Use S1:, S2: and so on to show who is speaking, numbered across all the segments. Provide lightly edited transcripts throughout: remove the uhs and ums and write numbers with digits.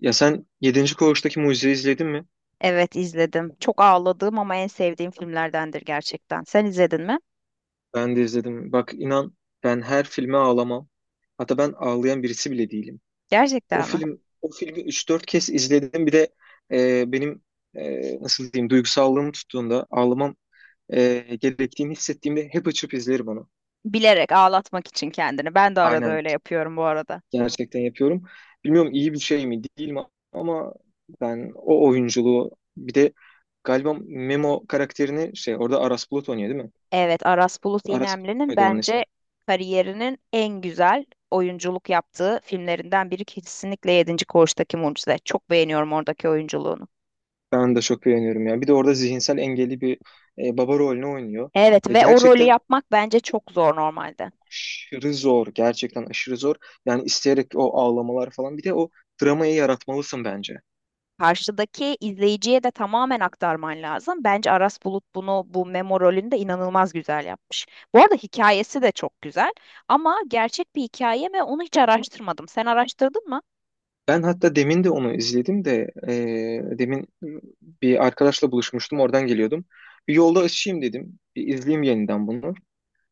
S1: Ya sen yedinci Koğuş'taki Mucize'yi izledin mi?
S2: Evet izledim. Çok ağladığım ama en sevdiğim filmlerdendir gerçekten. Sen izledin mi?
S1: Ben de izledim. Bak inan ben her filme ağlamam. Hatta ben ağlayan birisi bile değilim. O
S2: Gerçekten mi?
S1: film o filmi üç dört kez izledim. Bir de benim nasıl diyeyim duygusallığım tuttuğunda ağlamam gerektiğini hissettiğimde hep açıp izlerim onu.
S2: Bilerek ağlatmak için kendini. Ben de arada
S1: Aynen,
S2: öyle yapıyorum bu arada.
S1: gerçekten yapıyorum. Bilmiyorum iyi bir şey mi değil mi, ama ben o oyunculuğu, bir de galiba Memo karakterini şey orada Aras Bulut oynuyor değil mi?
S2: Evet, Aras Bulut
S1: Aras Bulut
S2: İynemli'nin
S1: muydu onun
S2: bence
S1: ismi?
S2: kariyerinin en güzel oyunculuk yaptığı filmlerinden biri kesinlikle yedinci Koğuştaki Mucize. Çok beğeniyorum oradaki oyunculuğunu.
S1: Ben de çok beğeniyorum ya. Bir de orada zihinsel engelli bir baba rolünü oynuyor.
S2: Evet
S1: Ve
S2: ve o rolü
S1: gerçekten
S2: yapmak bence çok zor normalde.
S1: aşırı zor. Gerçekten aşırı zor. Yani isteyerek o ağlamalar falan. Bir de o dramayı yaratmalısın bence.
S2: Karşıdaki izleyiciye de tamamen aktarman lazım. Bence Aras Bulut bunu bu Memo rolünde inanılmaz güzel yapmış. Bu arada hikayesi de çok güzel ama gerçek bir hikaye mi onu hiç araştırmadım. Sen araştırdın mı?
S1: Ben hatta demin de onu izledim de demin bir arkadaşla buluşmuştum. Oradan geliyordum. Bir yolda açayım dedim. Bir izleyeyim yeniden bunu.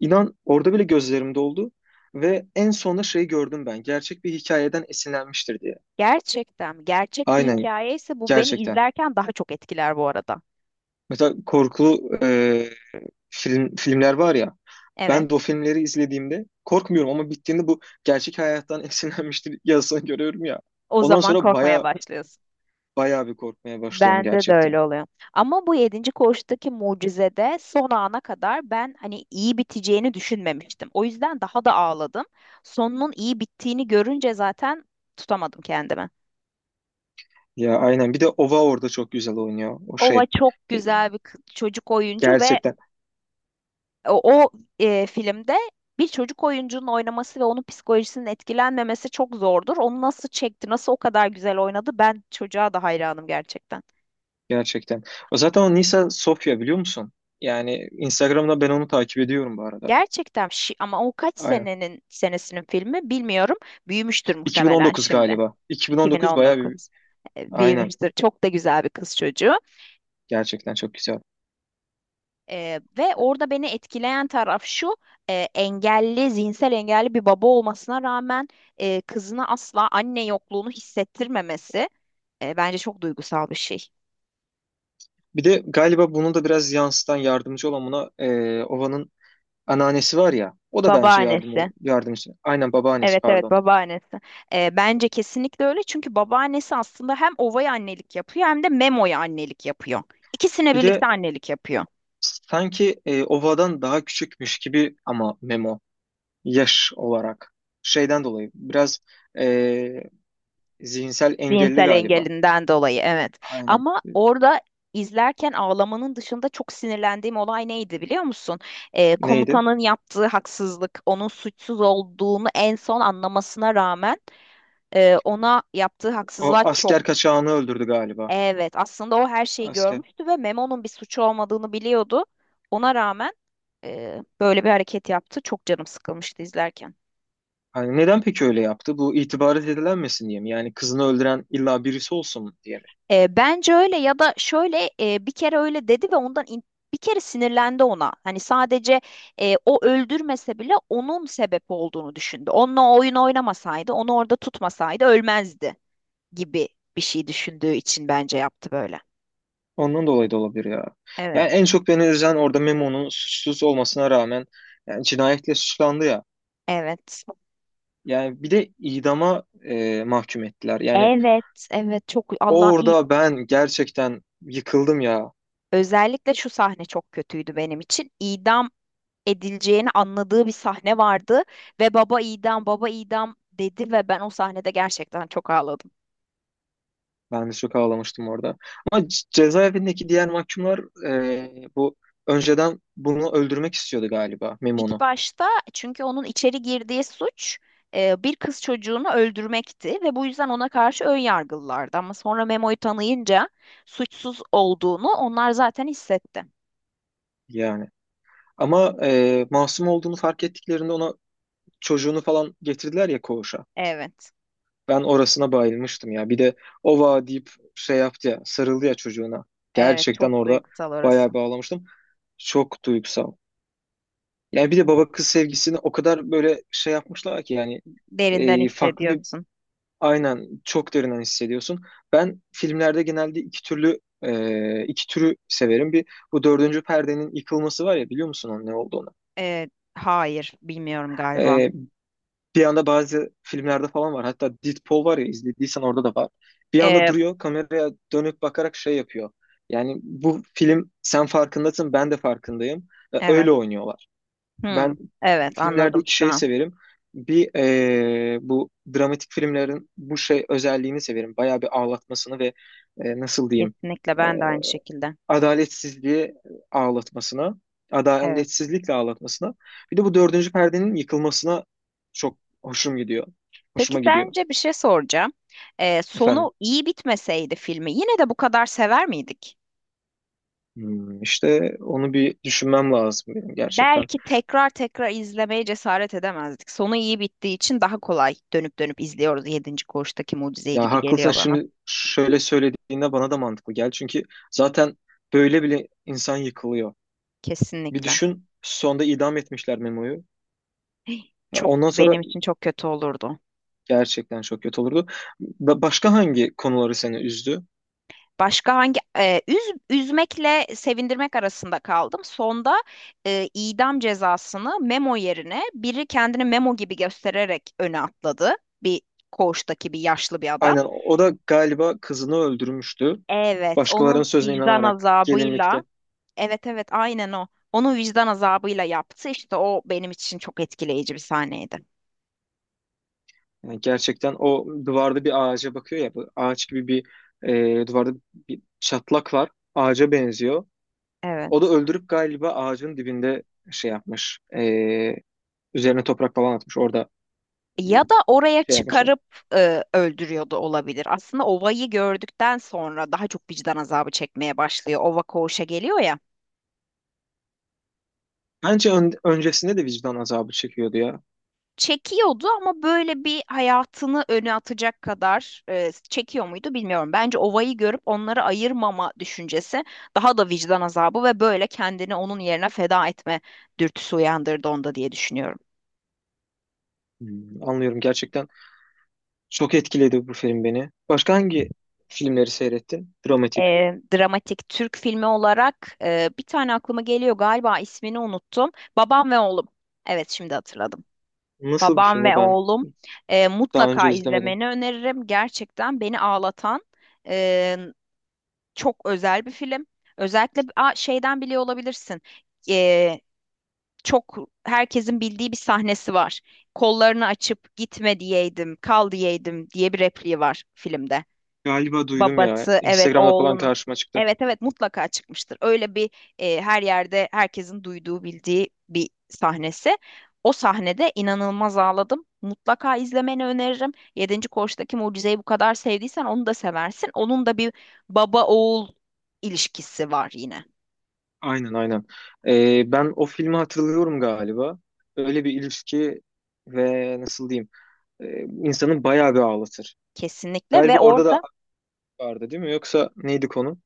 S1: İnan orada bile gözlerim doldu. Ve en sonunda şeyi gördüm ben. Gerçek bir hikayeden esinlenmiştir diye.
S2: Gerçekten gerçek bir
S1: Aynen,
S2: hikaye ise bu beni
S1: gerçekten.
S2: izlerken daha çok etkiler bu arada.
S1: Mesela korkulu filmler var ya.
S2: Evet,
S1: Ben de o filmleri izlediğimde korkmuyorum ama bittiğinde bu gerçek hayattan esinlenmiştir yazısını görüyorum ya.
S2: o
S1: Ondan
S2: zaman
S1: sonra
S2: korkmaya
S1: baya
S2: başlıyorsun.
S1: baya bir korkmaya başlıyorum
S2: Bende de
S1: gerçekten.
S2: öyle oluyor. Ama bu yedinci koğuştaki mucizede son ana kadar ben hani iyi biteceğini düşünmemiştim. O yüzden daha da ağladım. Sonunun iyi bittiğini görünce zaten tutamadım kendimi.
S1: Ya aynen, bir de Ova orada çok güzel oynuyor o
S2: Ova
S1: şey.
S2: çok
S1: E,
S2: güzel bir çocuk oyuncu ve
S1: Gerçekten,
S2: o, o, filmde bir çocuk oyuncunun oynaması ve onun psikolojisinin etkilenmemesi çok zordur. Onu nasıl çekti, nasıl o kadar güzel oynadı ben çocuğa da hayranım gerçekten.
S1: gerçekten. O zaten o Nisa Sofya, biliyor musun? Yani Instagram'da ben onu takip ediyorum bu arada.
S2: Gerçekten ama o kaç
S1: Aynen.
S2: senesinin filmi bilmiyorum. Büyümüştür muhtemelen
S1: 2019
S2: şimdi.
S1: galiba. 2019 baya bir
S2: 2019.
S1: aynen,
S2: Büyümüştür. Çok da güzel bir kız çocuğu.
S1: gerçekten çok güzel.
S2: Ve orada beni etkileyen taraf şu. Engelli, zihinsel engelli bir baba olmasına rağmen kızına asla anne yokluğunu hissettirmemesi bence çok duygusal bir şey.
S1: Bir de galiba bunu da biraz yansıtan, yardımcı olan buna Ova'nın anneannesi var ya, o da bence yardım,
S2: Babaannesi.
S1: yardımcı. Aynen, babaannesi
S2: Evet evet
S1: pardon.
S2: babaannesi. Bence kesinlikle öyle çünkü babaannesi aslında hem Ova'ya annelik yapıyor hem de Memo'ya annelik yapıyor. İkisine
S1: Bir
S2: birlikte
S1: de
S2: annelik yapıyor.
S1: sanki Ova'dan daha küçükmüş gibi ama Memo yaş olarak şeyden dolayı biraz e, zihinsel engelli
S2: Zihinsel
S1: galiba.
S2: engelinden dolayı evet.
S1: Aynen.
S2: Ama orada izlerken ağlamanın dışında çok sinirlendiğim olay neydi biliyor musun?
S1: Neydi?
S2: Komutanın yaptığı haksızlık, onun suçsuz olduğunu en son anlamasına rağmen ona yaptığı
S1: O
S2: haksızlık çok.
S1: asker kaçağını öldürdü galiba.
S2: Evet aslında o her şeyi
S1: Asker.
S2: görmüştü ve Memo'nun bir suçu olmadığını biliyordu. Ona rağmen böyle bir hareket yaptı. Çok canım sıkılmıştı izlerken.
S1: Hani neden peki öyle yaptı? Bu itibar edilenmesin diye mi? Yani kızını öldüren illa birisi olsun diye mi?
S2: Bence öyle ya da şöyle bir kere öyle dedi ve ondan bir kere sinirlendi ona. Hani sadece o öldürmese bile onun sebep olduğunu düşündü. Onunla o oyun oynamasaydı, onu orada tutmasaydı ölmezdi gibi bir şey düşündüğü için bence yaptı böyle.
S1: Ondan dolayı da olabilir ya.
S2: Evet,
S1: Yani en çok beni üzen orada Memo'nun suçsuz olmasına rağmen yani cinayetle suçlandı ya.
S2: evet.
S1: Yani bir de idama mahkum ettiler. Yani
S2: Evet, evet çok Allah'ım iyi.
S1: orada ben gerçekten yıkıldım ya.
S2: Özellikle şu sahne çok kötüydü benim için. İdam edileceğini anladığı bir sahne vardı ve baba idam baba idam dedi ve ben o sahnede gerçekten çok ağladım.
S1: Ben de çok ağlamıştım orada. Ama cezaevindeki diğer mahkumlar e, bu önceden bunu öldürmek istiyordu galiba
S2: İlk
S1: Memo'nu
S2: başta çünkü onun içeri girdiği suç bir kız çocuğunu öldürmekti ve bu yüzden ona karşı ön yargılılardı ama sonra Memo'yu tanıyınca suçsuz olduğunu onlar zaten hissetti.
S1: yani. Ama masum olduğunu fark ettiklerinde ona çocuğunu falan getirdiler ya, koğuşa.
S2: Evet,
S1: Ben orasına bayılmıştım ya. Bir de ova deyip şey yaptı ya, sarıldı ya çocuğuna.
S2: evet
S1: Gerçekten
S2: çok
S1: orada
S2: duygusal orası.
S1: bayağı bağlamıştım. Çok duygusal. Yani bir de baba kız sevgisini o kadar böyle şey yapmışlar ki, yani
S2: Derinden
S1: farklı bir
S2: hissediyorsun.
S1: aynen, çok derinden hissediyorsun. Ben filmlerde genelde iki türlü iki türü severim. Bir, bu dördüncü perdenin yıkılması var ya, biliyor musun onun ne olduğunu?
S2: E, hayır, bilmiyorum galiba.
S1: E, Bir anda bazı filmlerde falan var. Hatta Deadpool var ya, izlediysen orada da var. Bir anda
S2: E,
S1: duruyor, kameraya dönüp bakarak şey yapıyor. Yani bu film, sen farkındasın ben de farkındayım. Ve öyle
S2: evet.
S1: oynuyorlar.
S2: Hmm,
S1: Ben
S2: evet
S1: filmlerde
S2: anladım
S1: iki
S2: şu
S1: şey
S2: an.
S1: severim. Bir, bu dramatik filmlerin bu şey özelliğini severim. Bayağı bir ağlatmasını ve nasıl diyeyim,
S2: Kesinlikle
S1: e,
S2: ben de aynı şekilde.
S1: adaletsizliğe ağlatmasına,
S2: Evet.
S1: adaletsizlikle ağlatmasına. Bir de bu dördüncü perdenin yıkılmasına çok hoşum gidiyor.
S2: Peki
S1: Hoşuma gidiyor
S2: sence bir şey soracağım.
S1: efendim.
S2: Sonu iyi bitmeseydi filmi yine de bu kadar sever miydik?
S1: Hmm, işte onu bir düşünmem lazım benim gerçekten.
S2: Belki tekrar tekrar izlemeye cesaret edemezdik. Sonu iyi bittiği için daha kolay dönüp dönüp izliyoruz. Yedinci Koğuştaki Mucizeyi
S1: Ya
S2: gibi
S1: haklısın,
S2: geliyor bana.
S1: şimdi şöyle söylediğinde bana da mantıklı gel. Çünkü zaten böyle bile insan yıkılıyor. Bir
S2: Kesinlikle.
S1: düşün, sonda idam etmişler Memo'yu. Ya
S2: Çok
S1: ondan sonra
S2: benim için çok kötü olurdu.
S1: gerçekten çok kötü olurdu. Başka hangi konuları seni üzdü?
S2: Başka hangi üzmekle sevindirmek arasında kaldım. Sonda idam cezasını memo yerine biri kendini memo gibi göstererek öne atladı. Bir koğuştaki bir yaşlı bir adam.
S1: Aynen, o da galiba kızını öldürmüştü.
S2: Evet,
S1: Başkalarının
S2: onun
S1: sözüne
S2: vicdan
S1: inanarak,
S2: azabıyla,
S1: gelinlikte.
S2: evet evet aynen o. Onu vicdan azabıyla yaptı. İşte o benim için çok etkileyici bir sahneydi.
S1: Yani gerçekten o duvarda bir ağaca bakıyor ya. Bu ağaç gibi bir duvarda bir çatlak var. Ağaca benziyor. O da
S2: Evet.
S1: öldürüp galiba ağacın dibinde şey yapmış. Üzerine toprak falan atmış. Orada e,
S2: Ya da oraya
S1: şey yapmışlar.
S2: çıkarıp öldürüyordu olabilir. Aslında ovayı gördükten sonra daha çok vicdan azabı çekmeye başlıyor. Ova koğuşa geliyor ya.
S1: Bence öncesinde de vicdan azabı çekiyordu ya.
S2: Çekiyordu ama böyle bir hayatını öne atacak kadar çekiyor muydu bilmiyorum. Bence ovayı görüp onları ayırmama düşüncesi daha da vicdan azabı ve böyle kendini onun yerine feda etme dürtüsü uyandırdı onda diye düşünüyorum.
S1: Hmm, anlıyorum gerçekten. Çok etkiledi bu film beni. Başka hangi filmleri seyrettin? Dramatik.
S2: e, Dramatik Türk filmi olarak bir tane aklıma geliyor galiba ismini unuttum. Babam ve Oğlum. Evet şimdi hatırladım.
S1: Nasıl bir
S2: Babam
S1: filmi
S2: ve
S1: ben
S2: Oğlum
S1: daha önce
S2: mutlaka
S1: izlemedim.
S2: izlemeni öneririm. Gerçekten beni ağlatan e, çok özel bir film. Özellikle şeyden biliyor olabilirsin. E, Çok herkesin bildiği bir sahnesi var. Kollarını açıp gitme diyeydim, kal diyeydim diye bir repliği var filmde.
S1: Galiba duydum ya.
S2: Babası evet
S1: Instagram'da falan
S2: oğlunu.
S1: karşıma çıktı.
S2: Evet evet mutlaka çıkmıştır. Öyle bir her yerde herkesin duyduğu bildiği bir sahnesi. O sahnede inanılmaz ağladım. Mutlaka izlemeni öneririm. Yedinci Koç'taki mucizeyi bu kadar sevdiysen onu da seversin. Onun da bir baba oğul ilişkisi var yine.
S1: Aynen, aynen. Ben o filmi hatırlıyorum galiba. Öyle bir ilişki ve nasıl diyeyim, e, insanı bayağı bir ağlatır.
S2: Kesinlikle
S1: Galiba
S2: ve
S1: orada da
S2: orada
S1: aşk vardı değil mi? Yoksa neydi konu?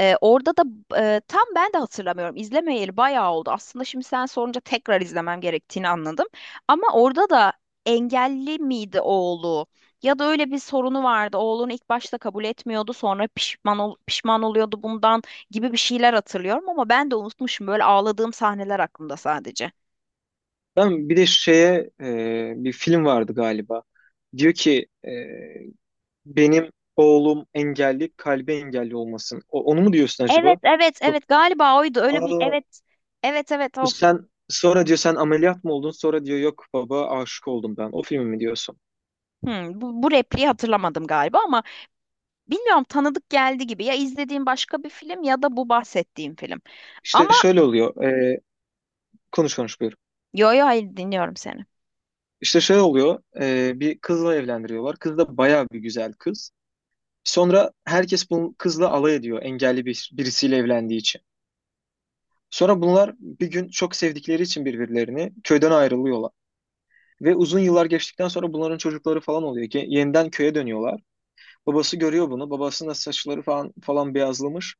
S2: Ee, orada da tam ben de hatırlamıyorum. İzlemeyeli bayağı oldu. Aslında şimdi sen sorunca tekrar izlemem gerektiğini anladım. Ama orada da engelli miydi oğlu? Ya da öyle bir sorunu vardı. Oğlunu ilk başta kabul etmiyordu, sonra pişman oluyordu bundan gibi bir şeyler hatırlıyorum ama ben de unutmuşum. Böyle ağladığım sahneler aklımda sadece.
S1: Ben bir de şeye bir film vardı galiba. Diyor ki benim oğlum engelli, kalbi engelli olmasın. Onu mu diyorsun
S2: Evet,
S1: acaba?
S2: evet,
S1: Yok.
S2: evet. Galiba oydu. Öyle bir
S1: Aa,
S2: evet. Evet, evet o.
S1: sen sonra diyor sen ameliyat mı oldun? Sonra diyor yok baba, aşık oldum ben. O filmi mi diyorsun?
S2: Bu repliği hatırlamadım galiba ama bilmiyorum tanıdık geldi gibi. Ya izlediğim başka bir film ya da bu bahsettiğim film.
S1: İşte
S2: Ama
S1: şöyle oluyor. Konuş konuş, buyur.
S2: yo yo hayır dinliyorum seni.
S1: İşte şöyle oluyor. Bir kızla evlendiriyorlar. Kız da bayağı bir güzel kız. Sonra herkes bu kızla alay ediyor. Engelli bir, birisiyle evlendiği için. Sonra bunlar bir gün çok sevdikleri için birbirlerini, köyden ayrılıyorlar. Ve uzun yıllar geçtikten sonra bunların çocukları falan oluyor, ki yeniden köye dönüyorlar. Babası görüyor bunu. Babasının da saçları falan falan beyazlamış.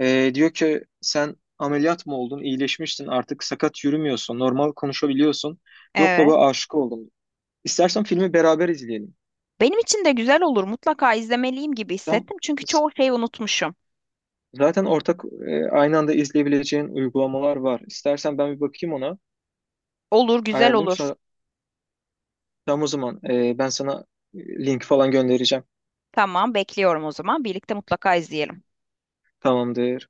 S1: Diyor ki sen ameliyat mı oldun? İyileşmiştin, artık sakat yürümüyorsun. Normal konuşabiliyorsun. Yok
S2: Evet.
S1: baba, aşık oldum. İstersen filmi beraber izleyelim.
S2: Benim için de güzel olur. Mutlaka izlemeliyim gibi
S1: Tam,
S2: hissettim. Çünkü çoğu şeyi unutmuşum.
S1: zaten ortak, aynı anda izleyebileceğin uygulamalar var. İstersen ben bir bakayım ona.
S2: Olur, güzel
S1: Ayarlayayım
S2: olur.
S1: sonra. Tamam, o zaman ben sana e, link falan göndereceğim.
S2: Tamam, bekliyorum o zaman. Birlikte mutlaka izleyelim.
S1: Tamamdır.